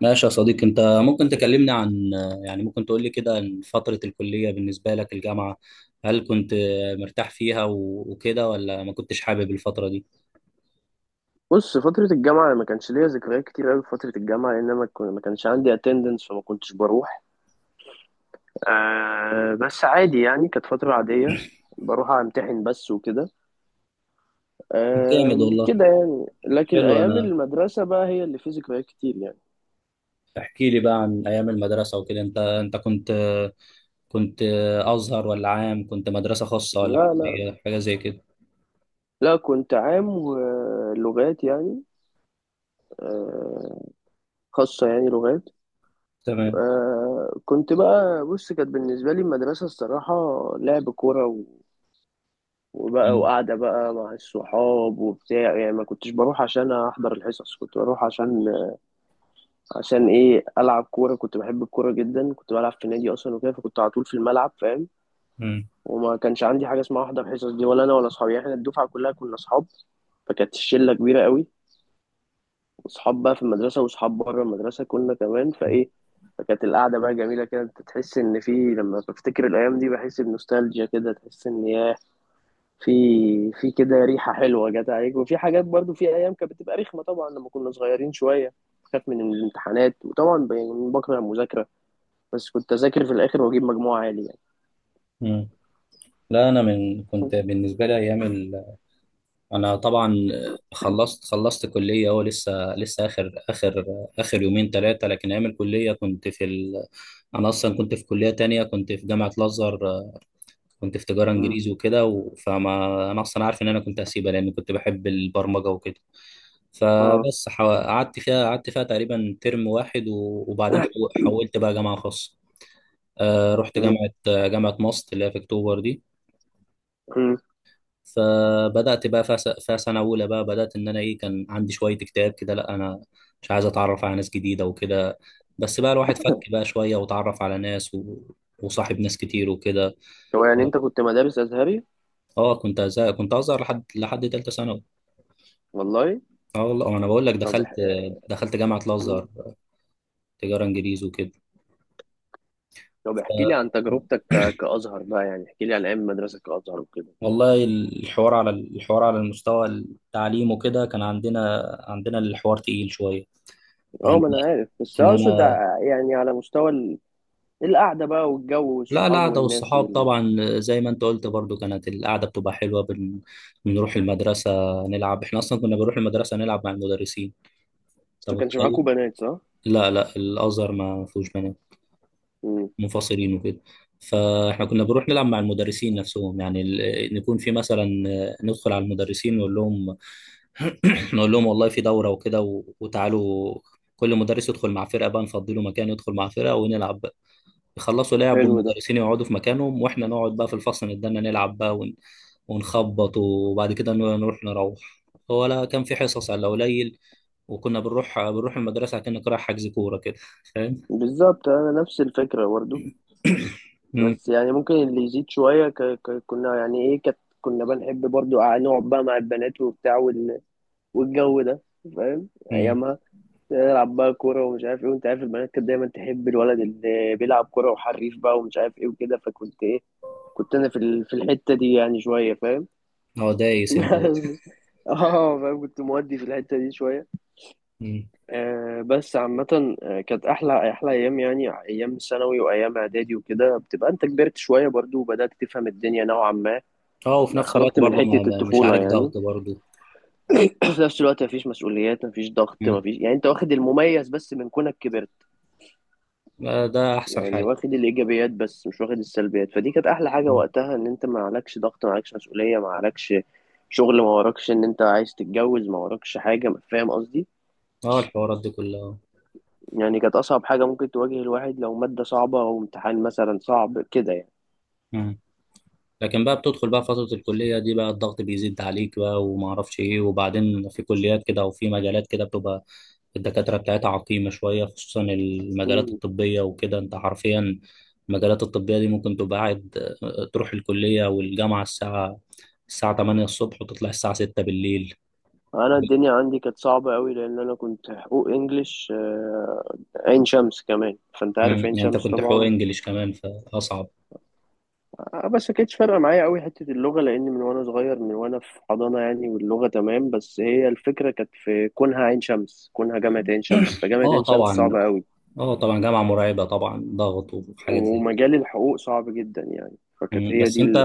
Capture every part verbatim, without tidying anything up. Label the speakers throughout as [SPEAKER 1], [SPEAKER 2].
[SPEAKER 1] ماشي يا صديقي، انت ممكن تكلمني عن، يعني ممكن تقول لي كده عن فترة الكلية، بالنسبة لك الجامعة، هل كنت مرتاح فيها و- وكده، ولا ما كنتش حابب الفترة دي؟
[SPEAKER 2] بص، فترة الجامعة أنا ما كانش ليا ذكريات كتير أوي في فترة الجامعة لأن أنا ما كن- ما كانش عندي اتندنس فما كنتش بروح. آه بس عادي، يعني كانت فترة عادية، بروح أمتحن بس وكده.
[SPEAKER 1] طب جامد
[SPEAKER 2] آه
[SPEAKER 1] والله.
[SPEAKER 2] كده يعني، لكن
[SPEAKER 1] حلو.
[SPEAKER 2] أيام
[SPEAKER 1] انا
[SPEAKER 2] المدرسة بقى هي اللي فيه ذكريات كتير يعني.
[SPEAKER 1] احكي لي بقى عن ايام المدرسة وكده. انت انت كنت كنت ازهر ولا عام؟ كنت مدرسة خاصة ولا
[SPEAKER 2] لا لا،
[SPEAKER 1] حكومية، حاجة زي كده؟
[SPEAKER 2] لا كنت عام ولغات يعني. آه، خاصة يعني لغات.
[SPEAKER 1] تمام.
[SPEAKER 2] آه كنت بقى، بص، كانت بالنسبة لي المدرسة الصراحة لعب كورة، وبقى
[SPEAKER 1] مم.
[SPEAKER 2] وقاعدة بقى مع الصحاب وبتاع، يعني ما كنتش بروح عشان أحضر الحصص، كنت بروح عشان عشان إيه؟ ألعب كورة. كنت بحب الكورة جدا، كنت بلعب في نادي أصلا وكده، فكنت على طول في الملعب، فاهم؟
[SPEAKER 1] مم.
[SPEAKER 2] وما كانش عندي حاجة اسمها أحضر حصص دي، ولا أنا ولا أصحابي، يعني إحنا الدفعة كلها كنا أصحاب، فكانت الشلة كبيرة قوي، وأصحاب بقى في المدرسة وأصحاب بره المدرسة كنا كمان، فإيه، فكانت القعدة بقى جميلة كده. أنت تحس إن في، لما بفتكر الأيام دي بحس بنوستالجيا كده، تحس إن ياه، في في كده ريحة حلوة جت عليك، وفي حاجات برضو، في أيام كانت بتبقى رخمة طبعا لما كنا صغيرين شوية، خاف من الامتحانات، وطبعا ب- بكره المذاكرة، بس كنت أذاكر في الآخر وأجيب مجموع عالي يعني.
[SPEAKER 1] مم. لا، انا من كنت بالنسبة لي ايام، انا طبعا خلصت خلصت كليه، هو لسه لسه اخر اخر اخر يومين ثلاثه، لكن ايام الكليه كنت في ال... انا اصلا كنت في كليه تانية، كنت في جامعه الازهر. كنت في تجاره
[SPEAKER 2] مم.
[SPEAKER 1] انجليزي وكده و... فما انا اصلا عارف ان انا كنت هسيبها لان كنت بحب البرمجه وكده.
[SPEAKER 2] اه.
[SPEAKER 1] فبس حو... قعدت فيها قعدت فيها تقريبا ترم واحد و... وبعدين حو... حولت بقى جامعه خاصه. آه رحت
[SPEAKER 2] مم.
[SPEAKER 1] جامعه جامعه ماست اللي هي في اكتوبر دي.
[SPEAKER 2] مم.
[SPEAKER 1] فبدات بقى في سنه اولى بقى بدات ان انا ايه كان عندي شويه اكتئاب كده. لا، انا مش عايز اتعرف على ناس جديده وكده. بس بقى الواحد فك بقى شويه، وتعرف على ناس و... وصاحب ناس كتير وكده.
[SPEAKER 2] هو يعني أنت كنت مدارس أزهري؟
[SPEAKER 1] اه كنت أزهق. كنت ازهر لحد لحد ثالثه ثانوي.
[SPEAKER 2] والله.
[SPEAKER 1] اه والله انا بقول لك
[SPEAKER 2] طب
[SPEAKER 1] دخلت
[SPEAKER 2] اح...
[SPEAKER 1] دخلت جامعه
[SPEAKER 2] مم.
[SPEAKER 1] الازهر، تجاره انجليزي وكده.
[SPEAKER 2] طب احكي لي عن تجربتك ك... كأزهر بقى، يعني احكي لي عن أيام المدرسة كأزهر وكده.
[SPEAKER 1] والله الحوار، على الحوار على المستوى التعليم وكده، كان عندنا عندنا الحوار تقيل شويه.
[SPEAKER 2] اه
[SPEAKER 1] يعني
[SPEAKER 2] ما أنا عارف، بس آه،
[SPEAKER 1] ان
[SPEAKER 2] أقصد،
[SPEAKER 1] انا،
[SPEAKER 2] ع- يعني على مستوى ال- القعدة بقى والجو
[SPEAKER 1] لا،
[SPEAKER 2] والصحاب
[SPEAKER 1] القعدة
[SPEAKER 2] والناس
[SPEAKER 1] والصحاب
[SPEAKER 2] وال...
[SPEAKER 1] طبعا زي ما انت قلت برضو، كانت القعدة بتبقى حلوة. بن... بنروح المدرسة نلعب، احنا اصلا كنا بنروح المدرسة نلعب مع المدرسين.
[SPEAKER 2] بس
[SPEAKER 1] طب
[SPEAKER 2] ما كانش معاكوا
[SPEAKER 1] متخيل،
[SPEAKER 2] بنات صح؟
[SPEAKER 1] لا لا، الازهر ما فيهوش بنات، منفصلين وكده. فاحنا كنا بنروح نلعب مع المدرسين نفسهم، يعني ال... نكون في مثلا، ندخل على المدرسين نقول لهم نقول لهم والله في دورة وكده و... وتعالوا. كل مدرس يدخل مع فرقة بقى، نفضي له مكان يدخل مع فرقة ونلعب. يخلصوا لعب
[SPEAKER 2] حلو ده.
[SPEAKER 1] والمدرسين يقعدوا في مكانهم، واحنا نقعد بقى في الفصل نتدنى نلعب بقى ون- ونخبط، وبعد كده ن- نروح نروح. هو لا، كان في حصص على قليل، وكنا بنروح بنروح المدرسة كأنك رايح حجز كورة كده، فاهم؟
[SPEAKER 2] بالظبط انا نفس الفكره برضو.
[SPEAKER 1] مم.
[SPEAKER 2] بس يعني ممكن اللي يزيد شويه ك... ك... كنا يعني ايه كت... كنا بنحب برضو نقعد بقى مع البنات وبتاع وال... والجو ده، فاهم
[SPEAKER 1] مم.
[SPEAKER 2] ايامها، نلعب بقى كوره ومش عارف ايه، وانت عارف البنات كانت دايما تحب الولد اللي بيلعب كوره وحريف بقى ومش عارف ايه وكده، فكنت ايه، كنت انا في ال... في الحته دي يعني شويه، فاهم؟
[SPEAKER 1] هو دايس انت بقى.
[SPEAKER 2] بس اه فاهم، كنت مودي في الحته دي شويه.
[SPEAKER 1] مم.
[SPEAKER 2] آه، بس عامة آه، كانت أحلى أحلى أيام، يعني أيام ثانوي وأيام إعدادي وكده بتبقى أنت كبرت شوية برضو وبدأت تفهم الدنيا نوعا ما،
[SPEAKER 1] اه، وفي
[SPEAKER 2] بقى
[SPEAKER 1] نفس الوقت
[SPEAKER 2] خرجت من
[SPEAKER 1] برضه ما
[SPEAKER 2] حتة
[SPEAKER 1] ما- مش
[SPEAKER 2] الطفولة
[SPEAKER 1] عليك
[SPEAKER 2] يعني.
[SPEAKER 1] ضغط برضه.
[SPEAKER 2] في نفس الوقت مفيش مسؤوليات، مفيش ضغط،
[SPEAKER 1] مم.
[SPEAKER 2] مفيش، يعني أنت واخد المميز بس من كونك كبرت،
[SPEAKER 1] آه، ده احسن
[SPEAKER 2] يعني
[SPEAKER 1] حاجة.
[SPEAKER 2] واخد الإيجابيات بس مش واخد السلبيات، فدي كانت أحلى حاجة
[SPEAKER 1] مم.
[SPEAKER 2] وقتها، إن أنت ما عليكش ضغط، ما عليكش مسؤولية، ما عليكش شغل، ما وراكش إن أنت عايز تتجوز، ما وراكش حاجة، فاهم قصدي؟
[SPEAKER 1] اه، الحوارات دي كلها.
[SPEAKER 2] يعني كانت أصعب حاجة ممكن تواجه الواحد لو مادة صعبة أو امتحان مثلا صعب كده يعني.
[SPEAKER 1] مم. لكن بقى بتدخل بقى فترة الكلية دي بقى، الضغط بيزيد عليك بقى، وما اعرفش ايه، وبعدين في كليات كده وفي مجالات كده بتبقى الدكاترة بتاعتها عقيمة شوية، خصوصا المجالات
[SPEAKER 2] مم.
[SPEAKER 1] الطبية وكده، انت حرفيا المجالات الطبية دي ممكن تبقى قاعد آه، تروح الكلية والجامعة الساعة الساعة تمانية الصبح وتطلع الساعة ستة بالليل.
[SPEAKER 2] أنا
[SPEAKER 1] مم.
[SPEAKER 2] الدنيا عندي كانت صعبة أوي، لأن أنا كنت حقوق إنجليش آه، عين شمس كمان، فأنت عارف عين
[SPEAKER 1] يعني انت
[SPEAKER 2] شمس
[SPEAKER 1] كنت حقوق
[SPEAKER 2] طبعا.
[SPEAKER 1] انجليش كمان، فاصعب.
[SPEAKER 2] آه، بس كانتش فارقة معايا أوي حتة اللغة، لأن من وأنا صغير، من وأنا في حضانة يعني واللغة تمام، بس هي الفكرة كانت في كونها عين شمس، كونها جامعة عين شمس، فجامعة
[SPEAKER 1] اه
[SPEAKER 2] عين شمس
[SPEAKER 1] طبعا
[SPEAKER 2] صعبة أوي،
[SPEAKER 1] اه طبعا جامعة مرعبة طبعا، ضغط وحاجات زي كده.
[SPEAKER 2] ومجال الحقوق صعب جدا يعني، فكانت
[SPEAKER 1] مم.
[SPEAKER 2] هي
[SPEAKER 1] بس
[SPEAKER 2] دي
[SPEAKER 1] انت
[SPEAKER 2] ال...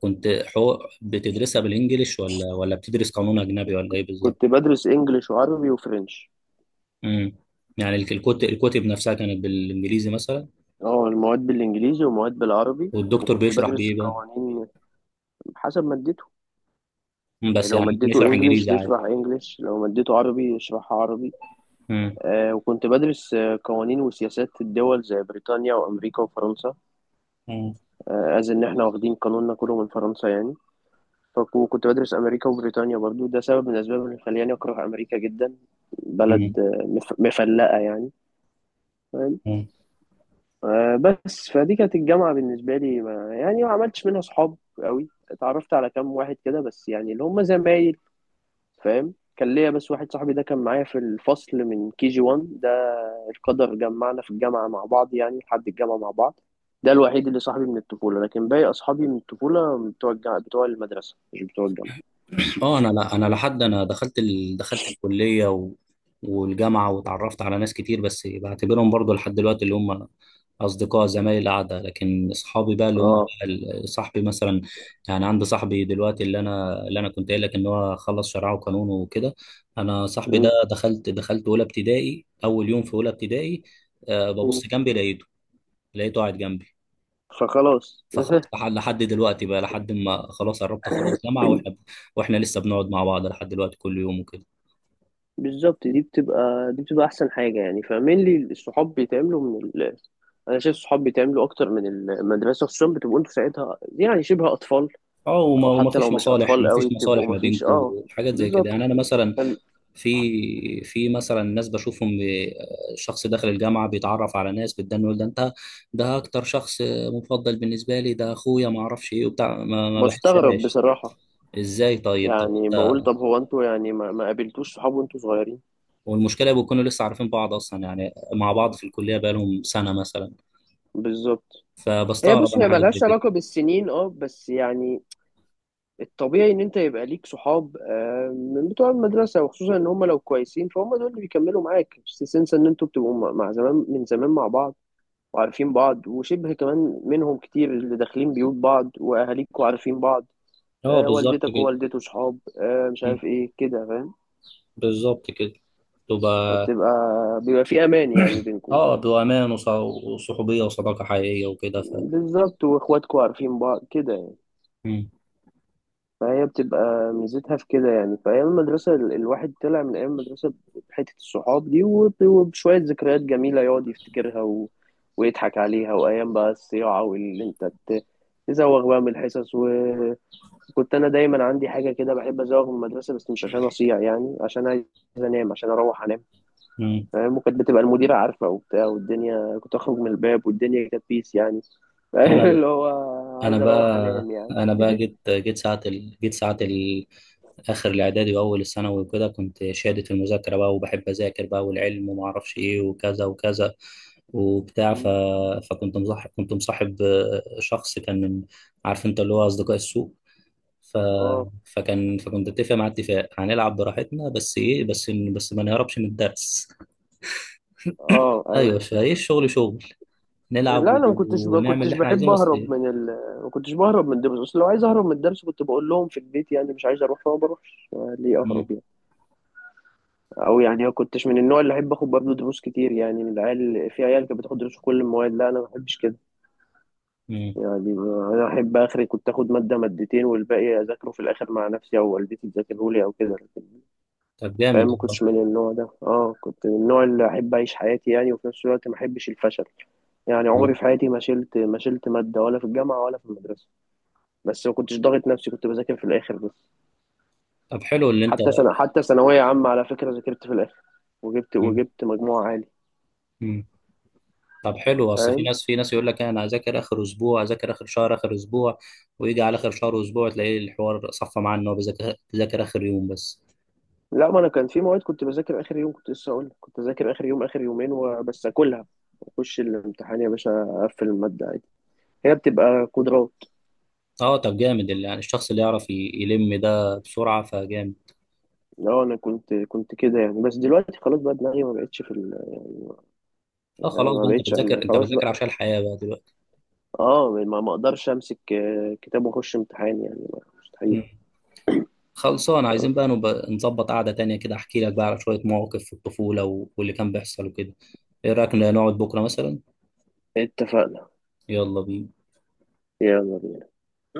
[SPEAKER 1] كنت حقوق بتدرسها بالانجلش، ولا ولا بتدرس قانون اجنبي، ولا ايه بالظبط؟
[SPEAKER 2] كنت بدرس إنجليش وعربي وفرنش.
[SPEAKER 1] امم. يعني الك- الكت- الكتب نفسها كانت بالانجليزي مثلا؟
[SPEAKER 2] اه المواد بالانجليزي ومواد بالعربي،
[SPEAKER 1] والدكتور
[SPEAKER 2] وكنت مم.
[SPEAKER 1] بيشرح
[SPEAKER 2] بدرس
[SPEAKER 1] بايه بقى؟
[SPEAKER 2] قوانين حسب مادته،
[SPEAKER 1] مم،
[SPEAKER 2] يعني
[SPEAKER 1] بس
[SPEAKER 2] لو
[SPEAKER 1] يعني ممكن
[SPEAKER 2] مادته
[SPEAKER 1] يشرح
[SPEAKER 2] انجليش
[SPEAKER 1] انجليزي عادي.
[SPEAKER 2] بيشرح انجليش، لو مادته عربي يشرحها عربي.
[SPEAKER 1] امم.
[SPEAKER 2] آه، وكنت بدرس آه، قوانين وسياسات الدول زي بريطانيا وامريكا وفرنسا، آه از ان احنا واخدين قانوننا كله من فرنسا يعني، فكنت بدرس امريكا وبريطانيا برضو، ده سبب من الاسباب اللي خلاني اكره امريكا جدا، بلد آه، مف- مفلقه يعني.
[SPEAKER 1] امم
[SPEAKER 2] آه، بس فدي كانت الجامعة بالنسبة لي، ما يعني ما عملتش منها صحاب قوي، اتعرفت على كام واحد كده بس يعني اللي هم زمايل، فاهم؟ كان ليا بس واحد صاحبي ده كان معايا في الفصل من كي جي واحد، ده القدر جمعنا في الجامعة مع بعض، يعني لحد الجامعة مع بعض، ده الوحيد اللي صاحبي من الطفولة، لكن باقي أصحابي من الطفولة بتوع الجامعة بتوع المدرسة، مش بتوع الجامعة.
[SPEAKER 1] اه، انا، لا انا لحد انا دخلت ال... دخلت الكليه و... والجامعه، وتعرفت على ناس كتير، بس بعتبرهم برضو لحد دلوقتي اللي هم اصدقاء زمايل القعده، لكن اصحابي بقى اللي هم
[SPEAKER 2] اه.
[SPEAKER 1] ال- صاحبي مثلا. يعني عندي صاحبي دلوقتي، اللي انا اللي انا كنت قايل لك ان هو خلص شرعه وقانون وكده. انا صاحبي ده
[SPEAKER 2] م-
[SPEAKER 1] دخلت دخلت اولى ابتدائي، اول يوم في اولى ابتدائي، أه
[SPEAKER 2] م.
[SPEAKER 1] ببص جنبي لقيته لقيته قاعد جنبي.
[SPEAKER 2] فخلاص.
[SPEAKER 1] فخ- فح- لحد دلوقتي بقى، لحد ما خلاص قربت اخلص جامعه، واحنا واحنا لسه بنقعد مع بعض لحد دلوقتي كل يوم وكده.
[SPEAKER 2] بالظبط، دي بتبقى دي بتبقى احسن حاجه يعني، فاهمين لي؟ الصحاب بيتعملوا من ال... انا شايف الصحاب بيتعملوا اكتر من المدرسه، خصوصا بتبقوا انتوا ساعتها يعني شبه اطفال،
[SPEAKER 1] اه، وما
[SPEAKER 2] او
[SPEAKER 1] وما
[SPEAKER 2] حتى لو
[SPEAKER 1] فيش
[SPEAKER 2] مش
[SPEAKER 1] مصالح،
[SPEAKER 2] اطفال
[SPEAKER 1] ما
[SPEAKER 2] قوي
[SPEAKER 1] فيش مصالح
[SPEAKER 2] بتبقوا
[SPEAKER 1] ما
[SPEAKER 2] مفيش،
[SPEAKER 1] بينكم،
[SPEAKER 2] اه
[SPEAKER 1] حاجات زي كده، يعني
[SPEAKER 2] بالظبط.
[SPEAKER 1] انا مثلا
[SPEAKER 2] فال-
[SPEAKER 1] في في مثلا ناس بشوفهم ب- شخص داخل الجامعه بيتعرف على ناس بتدان، يقول ده انت ده اكتر شخص مفضل بالنسبه لي، ده اخويا، ما اعرفش ايه وبتاع، ما, ما
[SPEAKER 2] بستغرب
[SPEAKER 1] بحسهاش.
[SPEAKER 2] بصراحه،
[SPEAKER 1] ازاي طيب، طب
[SPEAKER 2] يعني بقول
[SPEAKER 1] انت
[SPEAKER 2] طب هو انتوا يعني ما, ما قابلتوش صحاب وانتوا صغيرين؟
[SPEAKER 1] والمشكله بيكونوا لسه عارفين بعض اصلا، يعني مع بعض في الكليه بقالهم سنه مثلا،
[SPEAKER 2] بالظبط. هي،
[SPEAKER 1] فبستغرب
[SPEAKER 2] بص،
[SPEAKER 1] انا
[SPEAKER 2] هي
[SPEAKER 1] حاجات زي
[SPEAKER 2] ملهاش
[SPEAKER 1] كده.
[SPEAKER 2] علاقه بالسنين، اه بس يعني الطبيعي ان انت يبقى ليك صحاب آه، من بتوع المدرسه، وخصوصا ان هم لو كويسين فهم دول اللي بيكملوا معاك، بس تنسى ان انتوا بتبقوا مع، مع زمان من زمان مع بعض وعارفين بعض، وشبه كمان منهم كتير اللي داخلين بيوت بعض، واهاليكوا عارفين بعض،
[SPEAKER 1] اه
[SPEAKER 2] آه،
[SPEAKER 1] بالظبط
[SPEAKER 2] والدتك
[SPEAKER 1] كده.
[SPEAKER 2] ووالدته صحاب، آه، مش
[SPEAKER 1] مم.
[SPEAKER 2] عارف ايه كده، فاهم؟
[SPEAKER 1] بالظبط كده. تبقى
[SPEAKER 2] فبتبقى، بيبقى في امان يعني بينكم.
[SPEAKER 1] اه بأمان وص- وصحوبية وصداقة حقيقية وكده ف.
[SPEAKER 2] بالظبط، واخواتكوا عارفين بعض كده يعني.
[SPEAKER 1] مم.
[SPEAKER 2] فهي بتبقى ميزتها في كده يعني. فأيام المدرسة ال- الواحد طلع من أيام المدرسة بحتة الصحاب دي، وب- وبشوية ذكريات جميلة يقعد يفتكرها، و... ويضحك عليها. وأيام بقى الصياعة، واللي أنت ت- تزوغ بقى من الحصص، وكنت، أنا دايما عندي حاجة كده بحب أزوغ من المدرسة، بس مش عشان أصيع، يعني عشان عايز أنام، عشان أروح أنام،
[SPEAKER 1] مم.
[SPEAKER 2] فاهم؟ وكانت بتبقى المديرة عارفة وبتاع، والدنيا كنت أخرج من الباب والدنيا كانت بيس يعني.
[SPEAKER 1] انا ب...
[SPEAKER 2] اللي هو
[SPEAKER 1] انا
[SPEAKER 2] عايز أروح
[SPEAKER 1] بقى
[SPEAKER 2] أنام
[SPEAKER 1] انا
[SPEAKER 2] يعني.
[SPEAKER 1] بقى جيت جيت ساعة ال... جيت ساعة ال... اخر الاعدادي واول الثانوي وكده، كنت شادد في المذاكرة بقى، وبحب اذاكر بقى، والعلم وما اعرفش ايه، وكذا وكذا وبتاع ف... فكنت مصاحب كنت مصاحب آه، شخص كان من، عارف انت، اللي هو اصدقاء السوء. ف...
[SPEAKER 2] اه.
[SPEAKER 1] فكان فكنت اتفق مع اتفاق هنلعب براحتنا، بس ايه بس إن- بس ما نهربش من الدرس.
[SPEAKER 2] اه
[SPEAKER 1] ايوه، فايه الشغل شغل نلعب
[SPEAKER 2] لا
[SPEAKER 1] و-
[SPEAKER 2] انا ما كنتش ما
[SPEAKER 1] ونعمل
[SPEAKER 2] كنتش
[SPEAKER 1] اللي احنا
[SPEAKER 2] بحب
[SPEAKER 1] عايزينه، بس
[SPEAKER 2] اهرب من
[SPEAKER 1] ايه.
[SPEAKER 2] ال... ما كنتش بهرب من الدرس، اصل لو عايز اهرب من الدرس كنت بقول لهم في البيت يعني مش عايز اروح فما بروحش، آه، ليه
[SPEAKER 1] مم.
[SPEAKER 2] اهرب يعني؟ او يعني ما كنتش من النوع اللي احب اخد برضه دروس كتير، يعني من العيال، في عيال كانت بتاخد دروس في كل المواد، لا انا ما بحبش كده
[SPEAKER 1] مم.
[SPEAKER 2] يعني. آه، انا احب اخري، كنت اخد ماده مادتين والباقي اذاكره في الاخر مع نفسي، او والدتي تذاكره لي او كده، لكن
[SPEAKER 1] طب
[SPEAKER 2] فاهم
[SPEAKER 1] جامد
[SPEAKER 2] ما كنتش
[SPEAKER 1] والله.
[SPEAKER 2] من النوع ده. اه كنت من النوع اللي احب اعيش حياتي يعني، وفي نفس الوقت ما احبش الفشل، يعني عمري
[SPEAKER 1] مم.
[SPEAKER 2] في حياتي ما شلت، ما شلت ماده ولا في الجامعه ولا في المدرسه، بس ما كنتش ضاغط نفسي، كنت بذاكر في الاخر بس.
[SPEAKER 1] طب حلو، اللي انت.
[SPEAKER 2] حتى سنة، حتى ثانوية عامة على فكرة ذاكرت في الاخر، وجبت
[SPEAKER 1] مم.
[SPEAKER 2] وجبت مجموع عالي.
[SPEAKER 1] مم. طب حلو، اصل في
[SPEAKER 2] فاهم؟
[SPEAKER 1] ناس في ناس يقول لك انا اذاكر اخر اسبوع، اذاكر اخر شهر، اخر اسبوع، ويجي على اخر شهر واسبوع تلاقيه الحوار صفى معاه، ان هو بيذاكر بيذاكر اخر يوم بس.
[SPEAKER 2] لا ما انا كان في مواد كنت بذاكر اخر يوم، كنت لسه اقول لك. كنت اذاكر اخر يوم، اخر يومين وبس اكلها، اخش الامتحان يا باشا، اقفل المادة عادي، هي بتبقى قدرات.
[SPEAKER 1] اه طب جامد، اللي يعني الشخص اللي يعرف ي- يلم ده بسرعه فجامد.
[SPEAKER 2] اه انا كنت كنت كده يعني، بس دلوقتي خلاص بقى دماغي ما بقتش في ال...
[SPEAKER 1] اه
[SPEAKER 2] يعني
[SPEAKER 1] خلاص
[SPEAKER 2] ما
[SPEAKER 1] بقى، انت
[SPEAKER 2] بقتش
[SPEAKER 1] بتذاكر
[SPEAKER 2] انا،
[SPEAKER 1] انت
[SPEAKER 2] خلاص
[SPEAKER 1] بتذاكر
[SPEAKER 2] بقى،
[SPEAKER 1] عشان الحياة بقى دلوقتي.
[SPEAKER 2] اه ما ما اقدرش امسك آه، كتاب واخش امتحان يعني، مستحيل.
[SPEAKER 1] مم. خلصان،
[SPEAKER 2] آه.
[SPEAKER 1] عايزين بقى نبقى نظبط قعدة تانية كده، احكي لك بقى على شوية مواقف في الطفولة و- واللي كان بيحصل وكده. ايه رأيك نقعد بكرة مثلا؟
[SPEAKER 2] اتفقنا.
[SPEAKER 1] يلا بينا.
[SPEAKER 2] يلا بينا.